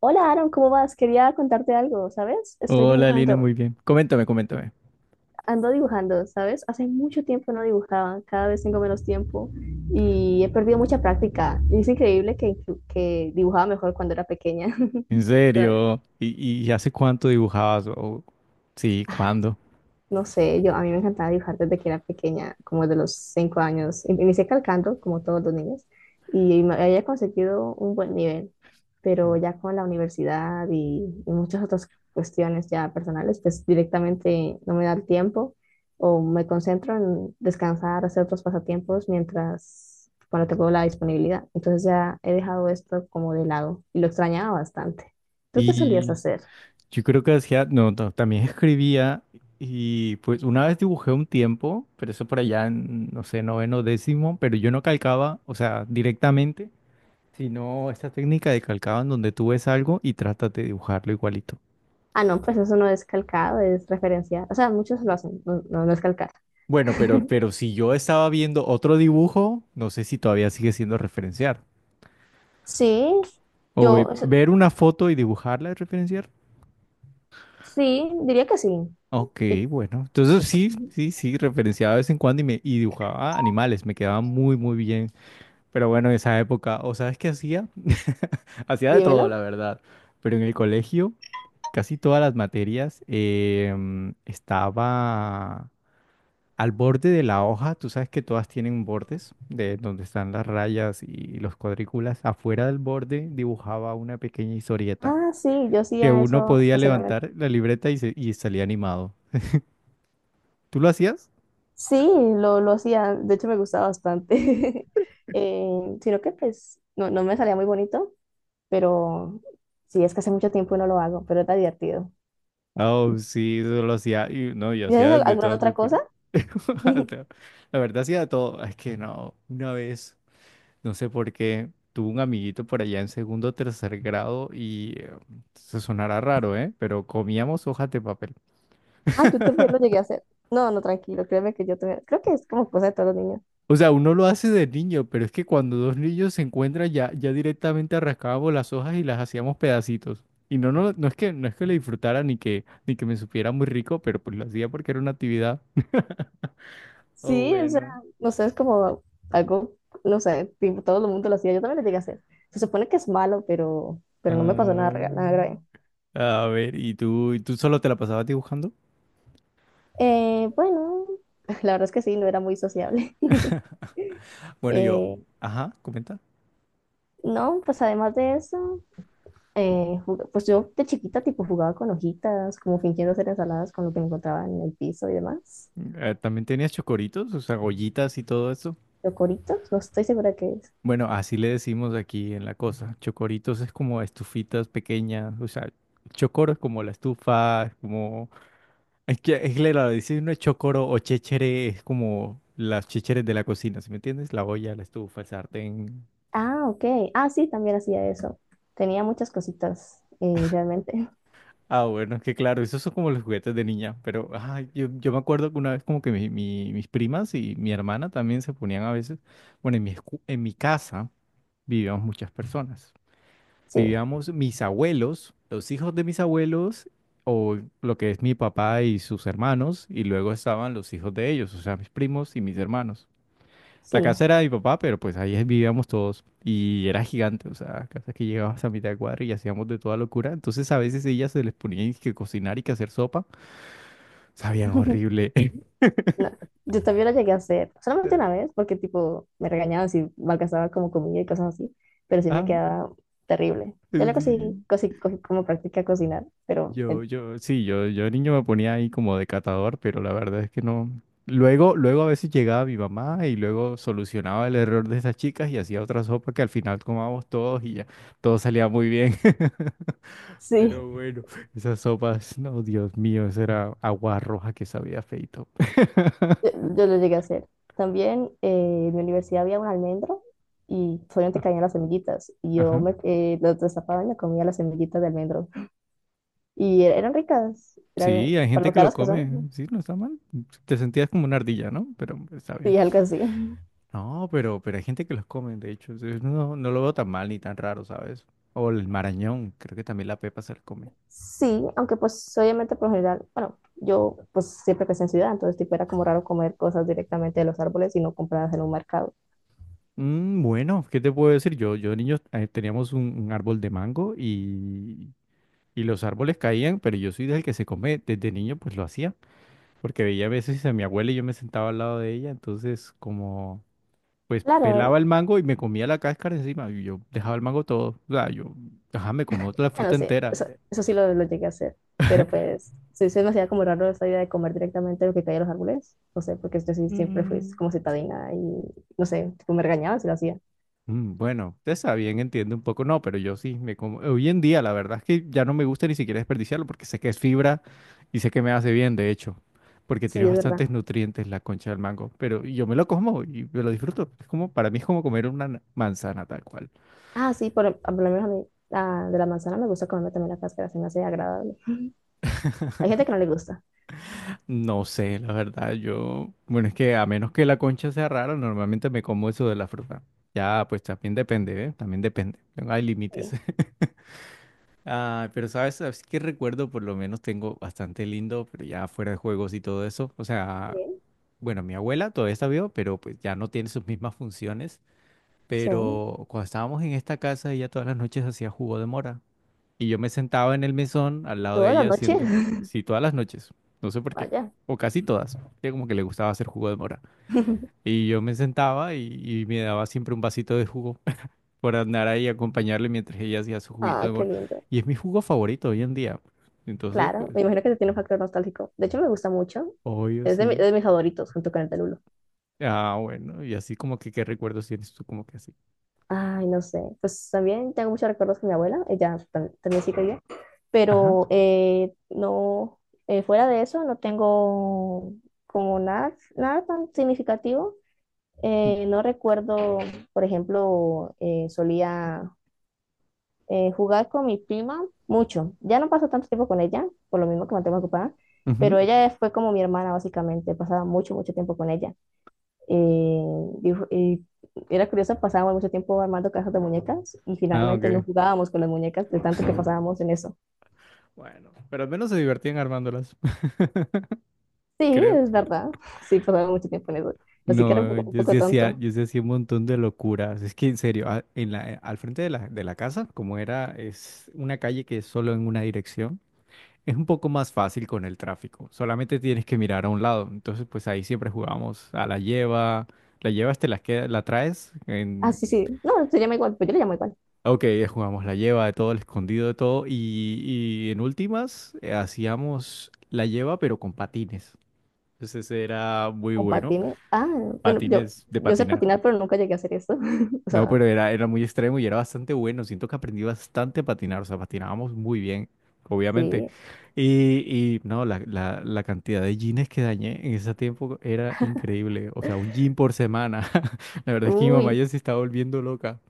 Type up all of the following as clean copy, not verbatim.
Hola Aaron, ¿cómo vas? Quería contarte algo, ¿sabes? Estoy Hola Lina, dibujando, muy bien. Coméntame, coméntame. ando dibujando, ¿sabes? Hace mucho tiempo no dibujaba, cada vez tengo menos tiempo y he perdido mucha práctica. Es increíble que dibujaba mejor cuando era pequeña. ¿En O sea, serio? ¿Y hace cuánto dibujabas? Sí, ¿cuándo? no sé, yo a mí me encantaba dibujar desde que era pequeña, como de los cinco años. Inicié calcando, como todos los niños, y me había conseguido un buen nivel, pero ya con la universidad y muchas otras cuestiones ya personales, pues directamente no me da el tiempo o me concentro en descansar, hacer otros pasatiempos mientras, cuando tengo la disponibilidad. Entonces ya he dejado esto como de lado y lo extrañaba bastante. ¿Tú qué solías Y hacer? yo creo que hacía, no, no, también escribía y pues una vez dibujé un tiempo, pero eso por allá en, no sé, noveno, décimo, pero yo no calcaba, o sea, directamente, sino esta técnica de calcaba en donde tú ves algo y tratas de dibujarlo igualito. Ah, no, pues eso no es calcado, es referenciado. O sea, muchos lo hacen, no, no, no es calcar. Bueno, pero si yo estaba viendo otro dibujo, no sé si todavía sigue siendo referenciar. Sí, O yo, ver una foto y dibujarla y referenciar. sí, diría que sí. Ok, Di- bueno. Entonces sí, sí, sí, referenciaba de vez en cuando y, y dibujaba animales. Me quedaba muy, muy bien. Pero bueno, en esa época, ¿o sabes qué hacía? Hacía de Dímelo. todo, la verdad. Pero en el colegio, casi todas las materias estaba al borde de la hoja. Tú sabes que todas tienen bordes de donde están las rayas y los cuadrículas. Afuera del borde dibujaba una pequeña historieta Ah, sí, yo que hacía uno eso podía ocasionalmente. levantar la libreta y, y salía animado. ¿Tú lo hacías? Sí, lo hacía, de hecho me gustaba bastante. Sino que pues no, no me salía muy bonito, pero sí, es que hace mucho tiempo no lo hago, pero está divertido. Oh, sí, yo lo hacía. Y, no, yo ¿Y haces hacía de alguna todas otra cosa? locuras. No, la verdad, hacía de todo. Es que no, una vez, no sé por qué, tuve un amiguito por allá en segundo o tercer grado y se sonará raro, ¿eh? Pero comíamos hojas de papel. Ah, yo también lo llegué a hacer. No, no, tranquilo, créeme que yo también, creo que es como cosa de todos los niños. O sea, uno lo hace de niño, pero es que cuando dos niños se encuentran ya directamente arrancábamos las hojas y las hacíamos pedacitos. Y no, no, no es que lo disfrutara ni que me supiera muy rico, pero pues lo hacía porque era una actividad. Oh, Sí, o sea, bueno. no sé, es como algo, no sé, tipo, todo el mundo lo hacía, yo también lo llegué a hacer. Se supone que es malo, pero no me pasó nada, nada Ah, grave. a ver, ¿y tú solo te la pasabas dibujando? Bueno, la verdad es que sí, no era muy sociable. Bueno, Eh, ajá, comenta. no, pues además de eso, pues yo de chiquita tipo jugaba con hojitas, como fingiendo hacer ensaladas con lo que me encontraba en el piso y demás. ¿También tenías chocoritos? O sea, ollitas y todo eso. Coritos, no estoy segura qué es. Bueno, así le decimos aquí en la cosa. Chocoritos es como estufitas pequeñas, o sea, chocoro es como la estufa, es como. Es que la decir no es chocoro o chéchere es como las chécheres de la cocina, ¿sí me entiendes? La olla, la estufa, el sartén. Ah, ok. Ah, sí, también hacía eso. Tenía muchas cositas inicialmente. Ah, bueno, es que claro, esos son como los juguetes de niña, pero ah, yo me acuerdo que una vez como que mis primas y mi hermana también se ponían a veces, bueno, en mi casa vivíamos muchas personas. Sí, Vivíamos mis abuelos, los hijos de mis abuelos, o lo que es mi papá y sus hermanos, y luego estaban los hijos de ellos, o sea, mis primos y mis hermanos. La sí. casa era de mi papá, pero pues ahí vivíamos todos y era gigante, o sea, casa que llegabas a mitad de cuadra y hacíamos de toda locura. Entonces a veces ellas se les ponía que cocinar y que hacer sopa, sabían horrible. No, yo también la llegué a hacer, solamente una vez, porque tipo me regañaban si malgastaba como comida y cosas así, pero sí me Ah, quedaba terrible. Ya sí. Cogí como práctica cocinar, pero Yo, sí, yo de niño me ponía ahí como de catador, pero la verdad es que no. Luego a veces llegaba mi mamá y luego solucionaba el error de esas chicas y hacía otra sopa que al final tomábamos todos y ya todo salía muy bien. sí, Pero bueno, esas sopas, no, Dios mío, esa era agua roja que sabía feito. Yo lo llegué a hacer. También en mi universidad había un almendro y solamente Ah. caían las semillitas y yo Ajá. me lo destapaba y me comía las semillitas de almendro. Y eran ricas, eran Sí, hay para gente lo que lo caras que come, son, sí, no está mal. Te sentías como una ardilla, ¿no? Pero está bien. sí, algo así. No, pero hay gente que los come, de hecho. No, no lo veo tan mal ni tan raro, ¿sabes? O el marañón, creo que también la pepa se la come. Sí, aunque pues obviamente por lo general, bueno, yo pues siempre crecí en ciudad, entonces tipo era como raro comer cosas directamente de los árboles y no compradas en un mercado. Bueno, ¿qué te puedo decir? Yo de niño, teníamos un árbol de mango y, los árboles caían, pero yo soy del que se come, desde niño pues lo hacía, porque veía a veces a mi abuela y yo me sentaba al lado de ella, entonces como pues Claro, a pelaba el mango y me comía la cáscara encima y yo dejaba el mango todo, o sea, ajá, me comía toda la bueno, fruta sí, entera. eso sí lo llegué a hacer, pero pues sí, se me hacía como raro esa idea de comer directamente lo que caía de los árboles, no sé, porque yo sí siempre fui Mm. como citadina y no sé, tipo me regañaban si lo hacía. Bueno, usted está bien, entiende un poco, no, pero yo sí, me como, hoy en día la verdad es que ya no me gusta ni siquiera desperdiciarlo porque sé que es fibra y sé que me hace bien, de hecho, porque tiene Sí, es verdad. bastantes nutrientes la concha del mango, pero yo me lo como y me lo disfruto. Es como, para mí es como comer una manzana tal cual. Ah, sí, por lo menos a mí de la manzana me gusta comerme también la cáscara, se me hace agradable. Hay gente que no le gusta. No sé, la verdad, yo, bueno, es que a menos que la concha sea rara, normalmente me como eso de la fruta. Ya, pues también depende, ¿eh? También depende, no hay límites. Sí, Ah, pero sabes que recuerdo, por lo menos tengo bastante lindo, pero ya fuera de juegos y todo eso. O sea, sí. bueno, mi abuela todavía está viva, pero pues ya no tiene sus mismas funciones. Sí, Pero cuando estábamos en esta casa, ella todas las noches hacía jugo de mora. Y yo me sentaba en el mesón al lado de todas las ella noches. haciendo, sí, todas las noches. No sé por qué. Vaya. O casi todas. Ella como que le gustaba hacer jugo de mora. Y yo me sentaba y, me daba siempre un vasito de jugo por andar ahí y acompañarle mientras ella hacía su juguito Ah, de qué mora. lindo. Y es mi jugo favorito hoy en día. Entonces, Claro, pues, me imagino que tiene un factor nostálgico. De hecho, me gusta mucho. obvio, Es de, sí. de mis favoritos, junto con el Telulo. Ah, bueno, y así como que qué recuerdos tienes tú, como que así. Ay, no sé. Pues también tengo muchos recuerdos con mi abuela. Ella también sí quería. Ajá. Pero no, fuera de eso, no tengo como nada, nada tan significativo. u- No recuerdo, por ejemplo, solía jugaba con mi prima mucho. Ya no paso tanto tiempo con ella, por lo mismo que me mantengo ocupada, pero Ujú. ella fue como mi hermana, básicamente. Pasaba mucho, mucho tiempo con ella. Eh, y era curioso, pasábamos mucho tiempo armando cajas de muñecas y Ah, finalmente no ok. jugábamos con las muñecas de tanto que pasábamos en eso. Bueno, pero al menos se divertían armándolas, Sí, creo. es verdad. Sí, pasábamos mucho tiempo en eso. Así que era No, un yo sí poco hacía, tonto. yo sí hacía un montón de locuras. Es que en serio, al frente de la casa, como era, es una calle que es solo en una dirección. Es un poco más fácil con el tráfico, solamente tienes que mirar a un lado. Entonces, pues ahí siempre jugamos a la lleva, la llevas, te la, la traes, Ah, en. sí, sí. No, se llama igual, pero yo le llamo igual. Ok, jugamos la lleva de todo, el escondido de todo, y, en últimas, hacíamos la lleva pero con patines. Entonces era muy Con bueno, patines. Ah, bueno, patines de yo sé patinar. patinar, pero nunca llegué a hacer eso. O No, sea, pero era muy extremo y era bastante bueno. Siento que aprendí bastante a patinar, o sea, patinábamos muy bien, obviamente. sí. Y, y no, la cantidad de jeans que dañé en ese tiempo era increíble. O sea, un jean por semana. La verdad es que mi mamá Uy, ya se estaba volviendo loca,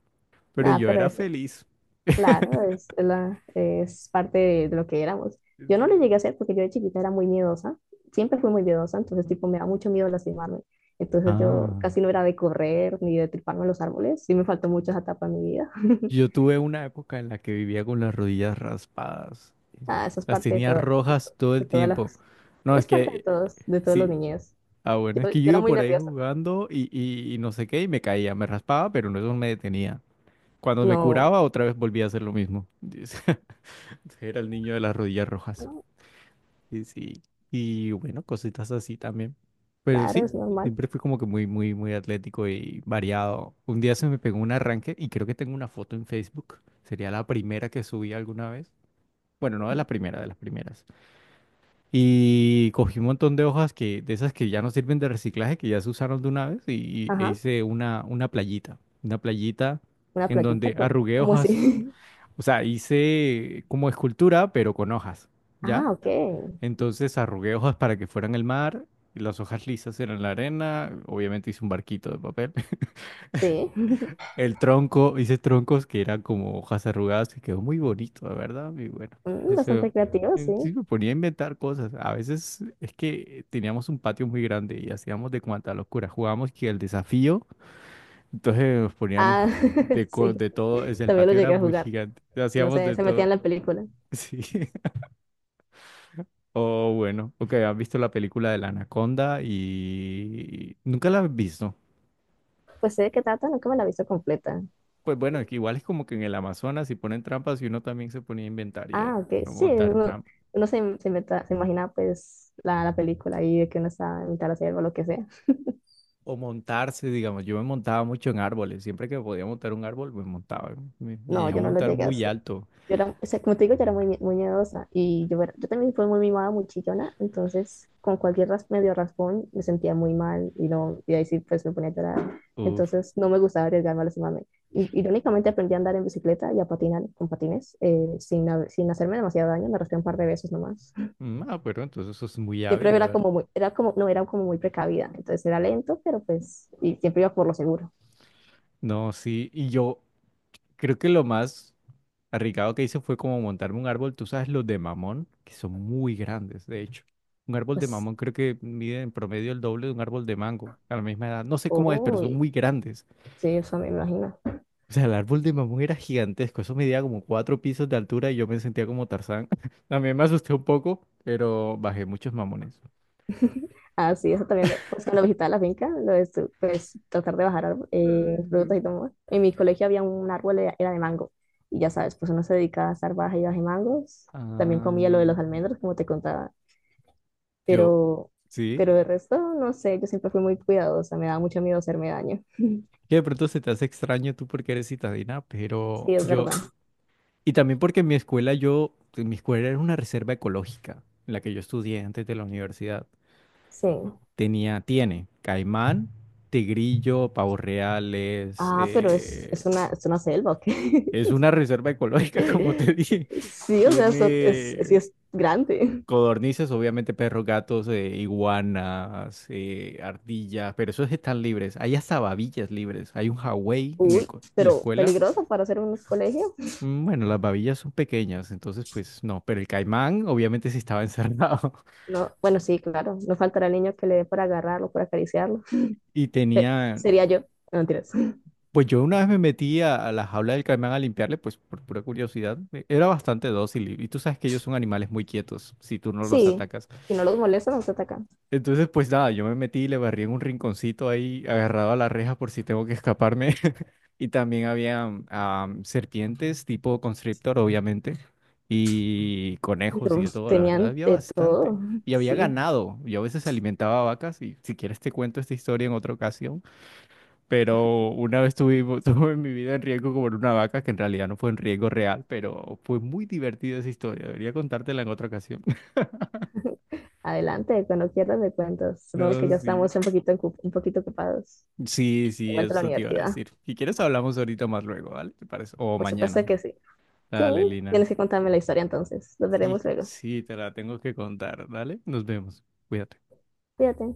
pero nada, yo pero era eso, feliz. claro, es parte de lo que éramos. Yo no lo llegué a Sí. hacer porque yo de chiquita era muy miedosa, siempre fui muy miedosa, entonces tipo me da mucho miedo lastimarme. Entonces yo Ah. casi no era de correr ni de triparme en los árboles, sí me faltó mucho esa etapa en mi vida. Yo tuve una época en la que vivía con las rodillas raspadas. Ah, eso es Las parte de, tenía todo, de, rojas todo de el todas tiempo. las, No, es es parte que de todos los sí. niños. Ah, bueno, es Yo que yo era iba muy por ahí nerviosa. jugando y no sé qué, y me caía, me raspaba, pero no eso no me detenía. Cuando me No, curaba, otra vez volvía a hacer lo mismo. Era el niño de las rodillas rojas. no, Y sí, y bueno, cositas así también. Pero claro, sí, es normal. siempre fui como que muy, muy, muy atlético y variado. Un día se me pegó un arranque y creo que tengo una foto en Facebook. Sería la primera que subí alguna vez. Bueno, no de la primera, de las primeras. Y cogí un montón de hojas que, de esas que ya no sirven de reciclaje, que ya se usaron de una vez, e Ajá, hice una playita. Una playita una en playita, donde arrugué como hojas. así? O sea, hice como escultura, pero con hojas, ¿ya? Ah, ok, Entonces arrugué hojas para que fueran el mar, y las hojas lisas eran la arena. Obviamente hice un barquito de papel. sí, El tronco, hice troncos que eran como hojas arrugadas, que quedó muy bonito, la verdad. Y bueno, mm, eso, bastante creativo, sí. Sí me ponía a inventar cosas. A veces es que teníamos un patio muy grande y hacíamos de cuanta locura. Jugábamos que el desafío, entonces nos poníamos Ah, sí, de todo, es el también lo patio era llegué a muy jugar. gigante, No hacíamos sé, de se metía todo. en la película. Sí. O bueno, ok, has visto la película de la Anaconda y nunca la has visto. Pues sé de qué trata, nunca me la he visto completa. Pues bueno, es que igual es como que en el Amazonas si ponen trampas y uno también se ponía a inventar y a Ah, ok, sí, montar uno, trampas. Se imagina pues la película ahí de que uno está en mitad de la selva o lo que sea. O montarse, digamos, yo me montaba mucho en árboles, siempre que podía montar un árbol me montaba, me No, llegué a yo no lo montar llegué a muy hacer. alto. Yo era, o sea, como te digo, yo era muy, muy miedosa y yo también fui muy mimada, muy chillona, entonces con cualquier medio raspón me sentía muy mal y, no, y ahí sí pues me ponía a llorar. Uf. Entonces no me gustaba arriesgarme a lastimarme. Irónicamente aprendí a andar en bicicleta y a patinar con patines sin hacerme demasiado daño, me raspé un par de veces nomás. Pero entonces eso es muy Siempre hábil, la era verdad. como muy, era como, no, era como muy precavida, entonces era lento, pero pues, y siempre iba por lo seguro. No, sí, y yo creo que lo más arriesgado que hice fue como montarme un árbol, tú sabes, los de mamón, que son muy grandes, de hecho. Un árbol de Pues, mamón creo que mide en promedio el doble de un árbol de mango a la misma edad. No sé cómo es, pero son uy, muy grandes. sí, eso me imagino. O sea, el árbol de mamón era gigantesco, eso medía como 4 pisos de altura y yo me sentía como Tarzán. También me asusté un poco, pero bajé muchos mamones. Ah, sí, eso también, pues cuando visitaba la finca, lo pues tratar de bajar Ay, no. frutas y todo. En mi colegio había un árbol, era de mango, y ya sabes, pues uno se dedicaba a estar baja y baja mangos, también comía lo de Ah, los almendros, como te contaba, yo, pero, sí, pero el resto, no sé, yo siempre fui muy cuidadosa, me daba mucho miedo hacerme daño, que de pronto se te hace extraño tú porque eres citadina, pero sí, es verdad, y también porque en mi escuela yo en mi escuela era una reserva ecológica, en la que yo estudié antes de la universidad. sí. Tenía, tiene caimán, tigrillo, pavos reales, Ah, pero es una selva, ¿ok? es una reserva ecológica, como te dije. Sí, o sea, eso es, sí Tiene es grande. codornices, obviamente perros, gatos, iguanas, ardillas, pero esos están libres. Hay hasta babillas libres. Hay un Hawái Uy, en la pero escuela. peligroso para hacer un colegio. Bueno, las babillas son pequeñas, entonces pues no, pero el caimán obviamente sí estaba encerrado No, bueno, sí, claro. No faltará el niño que le dé por agarrarlo, por acariciarlo. y Se- tenía. Sería yo. No, mentiras. Pues yo una vez me metí a la jaula del caimán a limpiarle, pues por pura curiosidad. Era bastante dócil y, tú sabes que ellos son animales muy quietos si tú no los Sí, atacas. si no los molesta, no te atacan. Entonces, pues nada, yo me metí y le barrí en un rinconcito ahí, agarrado a la reja por si tengo que escaparme. Y también había serpientes tipo constrictor, obviamente, y conejos y Pero de todo, la verdad, tenían había de bastante. todo. Y había Sí, ganado. Yo a veces alimentaba vacas y si quieres te cuento esta historia en otra ocasión, pero una vez tuvimos, tuve mi vida en riesgo como en una vaca, que en realidad no fue en riesgo real, pero fue muy divertida esa historia. Debería contártela en otra ocasión. adelante, cuando quieras me cuentas. Supongo que No, ya sí. estamos un poquito, un poquito ocupados. Sí, De sí, vuelta a la eso te iba a universidad. decir. Si quieres hablamos ahorita más luego, ¿vale? ¿Te parece? O Por mañana. supuesto que sí. Sí, Dale, Lina. tienes que contarme la historia entonces. Nos Sí, veremos luego. sí, te la tengo que contar, ¿vale? Nos vemos. Cuídate. Cuídate.